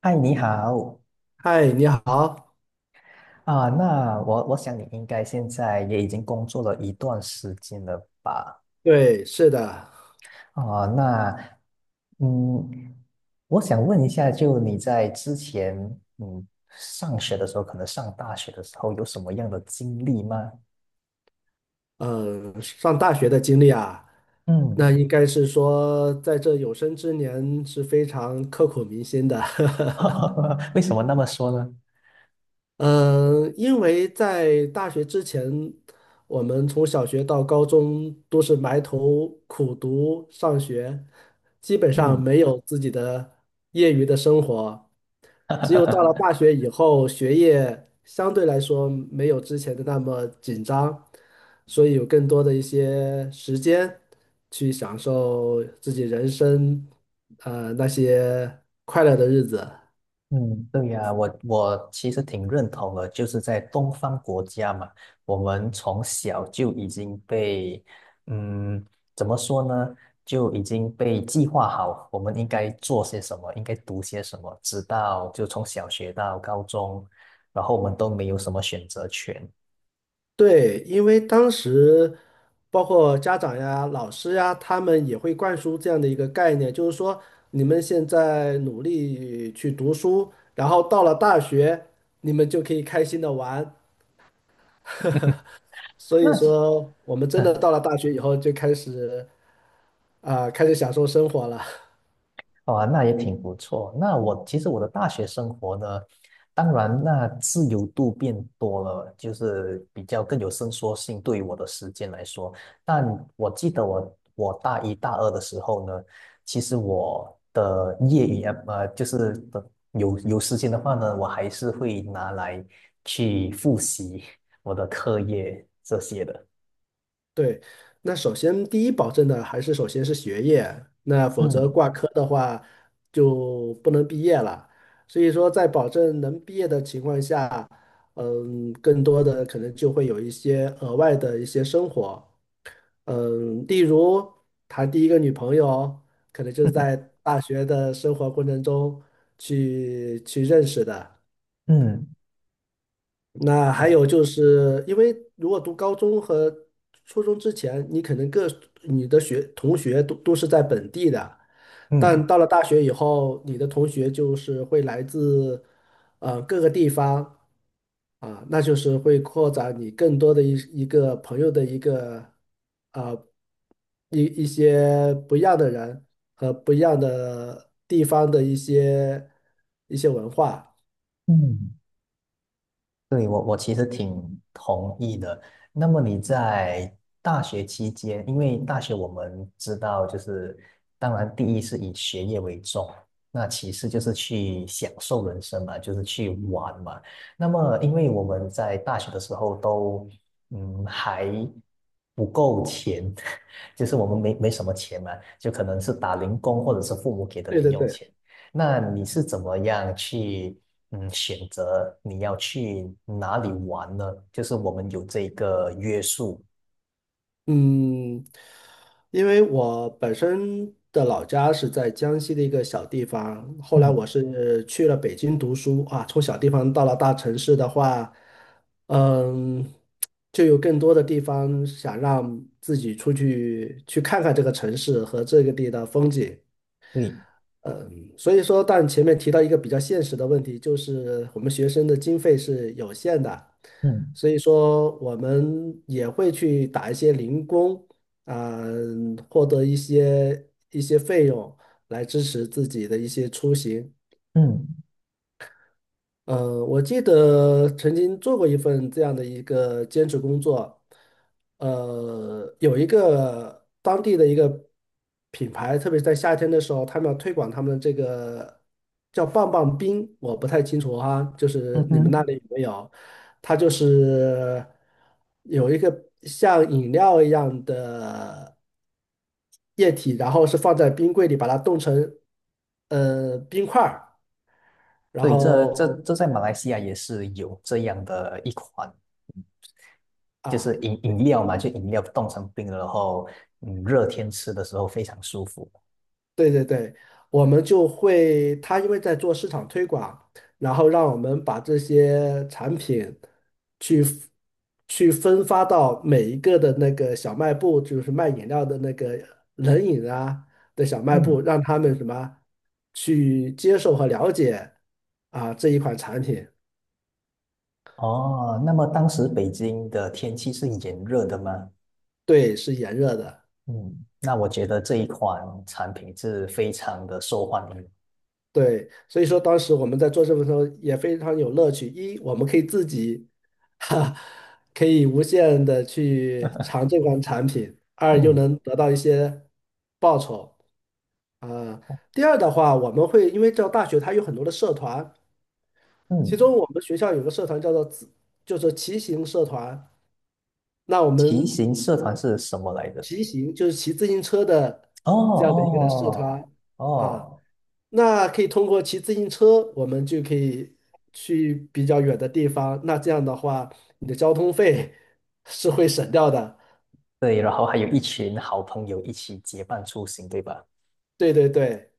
嗨，你好。嗨，你好。啊，那我想你应该现在也已经工作了一段时间了吧？对，是的，啊，那嗯，我想问一下，就你在之前上学的时候，可能上大学的时候有什么样的经历吗？嗯，上大学的经历啊，嗯。那应该是说在这有生之年是非常刻骨铭心的。为什么那么说呢？因为在大学之前，我们从小学到高中都是埋头苦读上学，基本上嗯。没有自己的业余的生活。只有到了 大学以后，学业相对来说没有之前的那么紧张，所以有更多的一些时间去享受自己人生，那些快乐的日子。嗯，对呀，我其实挺认同的，就是在东方国家嘛，我们从小就已经被，嗯，怎么说呢，就已经被计划好，我们应该做些什么，应该读些什么，直到就从小学到高中，然后我们都没有什么选择权。对，因为当时包括家长呀、老师呀，他们也会灌输这样的一个概念，就是说你们现在努力去读书，然后到了大学，你们就可以开心的玩。所以那其说，我们真的嗯，到了大学以后，就开始享受生活了。哦，那也挺不错。那我其实我的大学生活呢，当然那自由度变多了，就是比较更有伸缩性对于我的时间来说。但我记得我大一大二的时候呢，其实我的业余就是有时间的话呢，我还是会拿来去复习我的课业这些的。对，那首先第一保证的还是首先是学业，那否则嗯。 挂科的话就不能毕业了。所以说，在保证能毕业的情况下，更多的可能就会有一些额外的一些生活，例如谈第一个女朋友，可能就是在 大学的生活过程中去认识的。嗯，那还哦，有就是，因为如果读高中和初中之前，你可能你的同学都是在本地的，但嗯。到了大学以后，你的同学就是会来自各个地方啊，那就是会扩展你更多的一一个朋友的一个啊一一些不一样的人和不一样的地方的一些文化。嗯，对，我其实挺同意的。那么你在大学期间，因为大学我们知道，就是当然第一是以学业为重，那其次就是去享受人生嘛，就是去玩嘛。那么因为我们在大学的时候都还不够钱，就是我们没什么钱嘛，就可能是打零工或者是父母给的对零对用对。钱。那你是怎么样去选择你要去哪里玩呢？就是我们有这个约束。嗯，因为我本身的老家是在江西的一个小地方，后来嗯，我是去了北京读书啊，从小地方到了大城市的话，嗯，就有更多的地方想让自己出去去看看这个城市和这个地的风景。对，嗯，所以说，但前面提到一个比较现实的问题，就是我们学生的经费是有限的，嗯所以说我们也会去打一些零工，啊、获得一些费用来支持自己的一些出行。嗯。我记得曾经做过一份这样的一个兼职工作，有一个当地的一个品牌，特别是在夏天的时候，他们要推广他们的这个叫棒棒冰，我不太清楚哈，就是嗯你们那哼，里有没有？它就是有一个像饮料一样的液体，然后是放在冰柜里，把它冻成冰块儿，然对，这这后。这在马来西亚也是有这样的一款，就是啊。饮料嘛，就饮料冻成冰了，然后嗯热天吃的时候非常舒服。对对对，我们就会，他因为在做市场推广，然后让我们把这些产品去去分发到每一个的那个小卖部，就是卖饮料的那个冷饮啊的小卖部，嗯，让他们什么去接受和了解啊这一款产品，哦，那么当时北京的天气是炎热的吗？对，是炎热的。嗯，那我觉得这一款产品是非常的受欢迎。对，所以说当时我们在做这份时候也非常有乐趣。一，我们可以自己，哈，可以无限的去尝这款产品；二，又嗯。能得到一些报酬啊。第二的话，我们会因为这大学它有很多的社团，其嗯，中我们学校有个社团叫做就是骑行社团。那我骑们行社团是什么来着？骑行就是骑自行车的哦这样的一个社哦。团啊。哦，那可以通过骑自行车，我们就可以去比较远的地方。那这样的话，你的交通费 是会省掉的。对，然后还有一群好朋友一起结伴出行，对吧？对对对，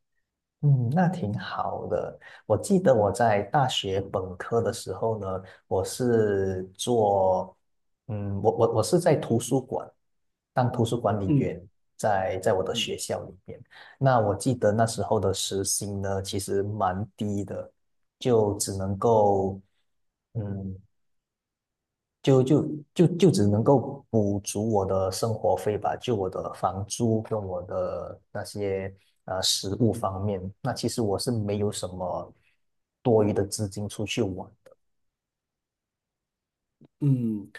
嗯，那挺好的。我记得我在大学本科的时候呢，我是做，嗯，我是在图书馆当图书管理嗯员，在我的学校里面。那我记得那时候的时薪呢，其实蛮低的，就只能够。嗯，就就就只能够补足我的生活费吧，就我的房租跟我的那些食物方面，那其实我是没有什么多余的资金出去玩的。嗯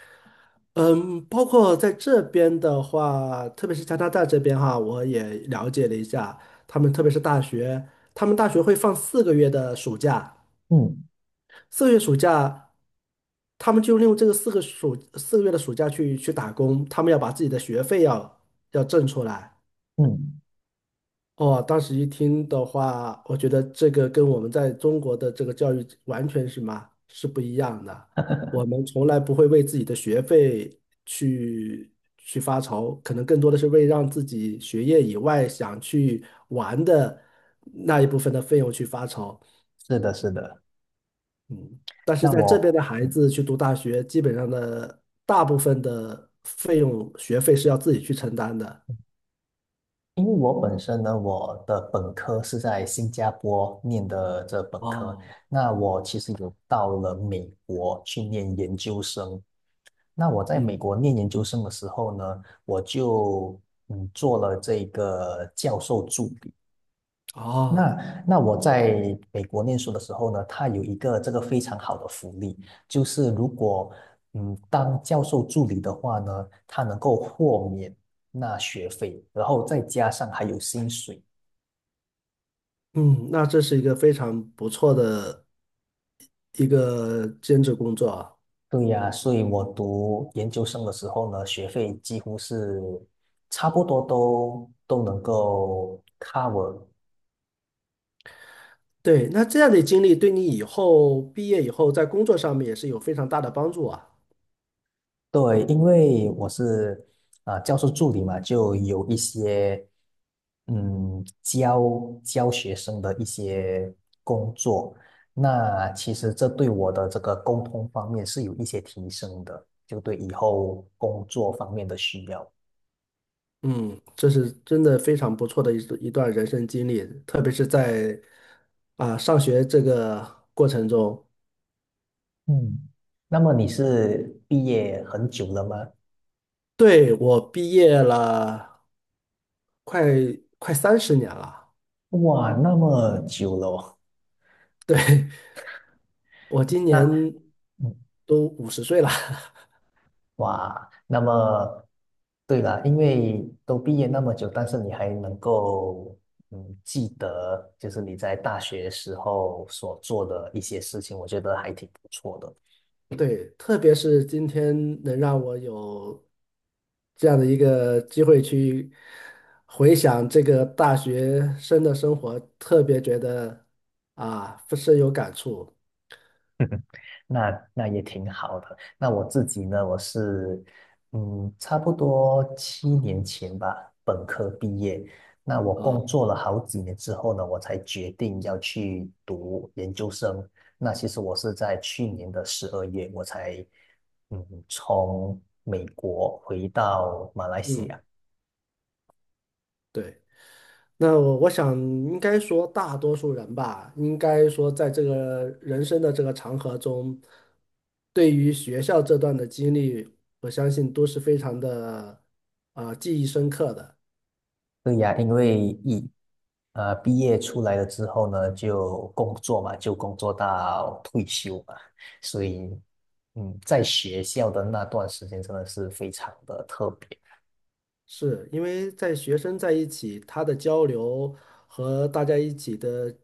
嗯，包括在这边的话，特别是加拿大这边哈，我也了解了一下，他们特别是大学，他们大学会放四个月的暑假，嗯。四个月暑假，他们就利用这个四个月的暑假去打工，他们要把自己的学费要挣出来。嗯，哦，当时一听的话，我觉得这个跟我们在中国的这个教育完全是不一样的。我们从来不会为自己的学费去发愁，可能更多的是为让自己学业以外想去玩的那一部分的费用去发愁。是的，是的。嗯，但是那在这边我，的孩嗯子去读大学，基本上的大部分的费用学费是要自己去承担的。因为我本身呢，我的本科是在新加坡念的这本科，哦，那我其实有到了美国去念研究生，那我在美嗯，国念研究生的时候呢，我就做了这个教授助理。哦。那我在美国念书的时候呢，它有一个这个非常好的福利，就是如果当教授助理的话呢，他能够豁免那学费，然后再加上还有薪水。嗯，那这是一个非常不错的一个兼职工作啊。对呀，所以我读研究生的时候呢，学费几乎是差不多都能够 cover。 对，那这样的经历对你以后毕业以后在工作上面也是有非常大的帮助啊。对，因为我是啊，教授助理嘛，就有一些嗯教教学生的一些工作，那其实这对我的这个沟通方面是有一些提升的，就对以后工作方面的需要。嗯，这是真的非常不错的一段人生经历，特别是在上学这个过程中。嗯，那么你嗯，是毕业很久了吗？对，我毕业了快快30年了，哇，那么久了哦。对，我今 那年都50岁了。哇，那么对了，因为都毕业那么久，但是你还能够记得，就是你在大学时候所做的一些事情，我觉得还挺不错的。对，特别是今天能让我有这样的一个机会去回想这个大学生的生活，特别觉得啊，深有感触 那那也挺好的。那我自己呢，我是嗯，差不多7年前吧，本科毕业。那我工啊。作了好几年之后呢，我才决定要去读研究生。那其实我是在去年的12月，我才从美国回到马来西嗯，亚。对。那我想，应该说大多数人吧，应该说在这个人生的这个长河中，对于学校这段的经历，我相信都是非常的记忆深刻的。对呀，因为一毕业出来了之后呢，就工作嘛，就工作到退休嘛，所以嗯，在学校的那段时间真的是非常的特别。是因为在学生在一起，他的交流和大家一起的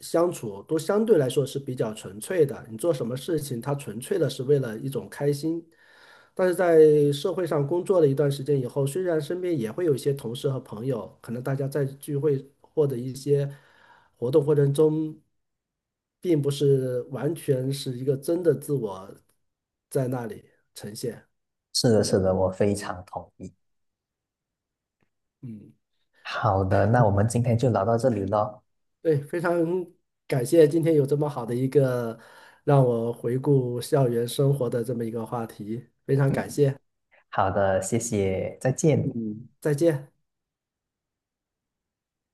相处都相对来说是比较纯粹的。你做什么事情，他纯粹的是为了一种开心。但是在社会上工作了一段时间以后，虽然身边也会有一些同事和朋友，可能大家在聚会或者一些活动过程中，并不是完全是一个真的自我在那里呈现。是的，是的，我非常同意。嗯。好的，那我们今天就聊到这里咯。对，非常感谢今天有这么好的一个让我回顾校园生活的这么一个话题，非常感嗯，谢。好的，谢谢，再见。嗯，再见。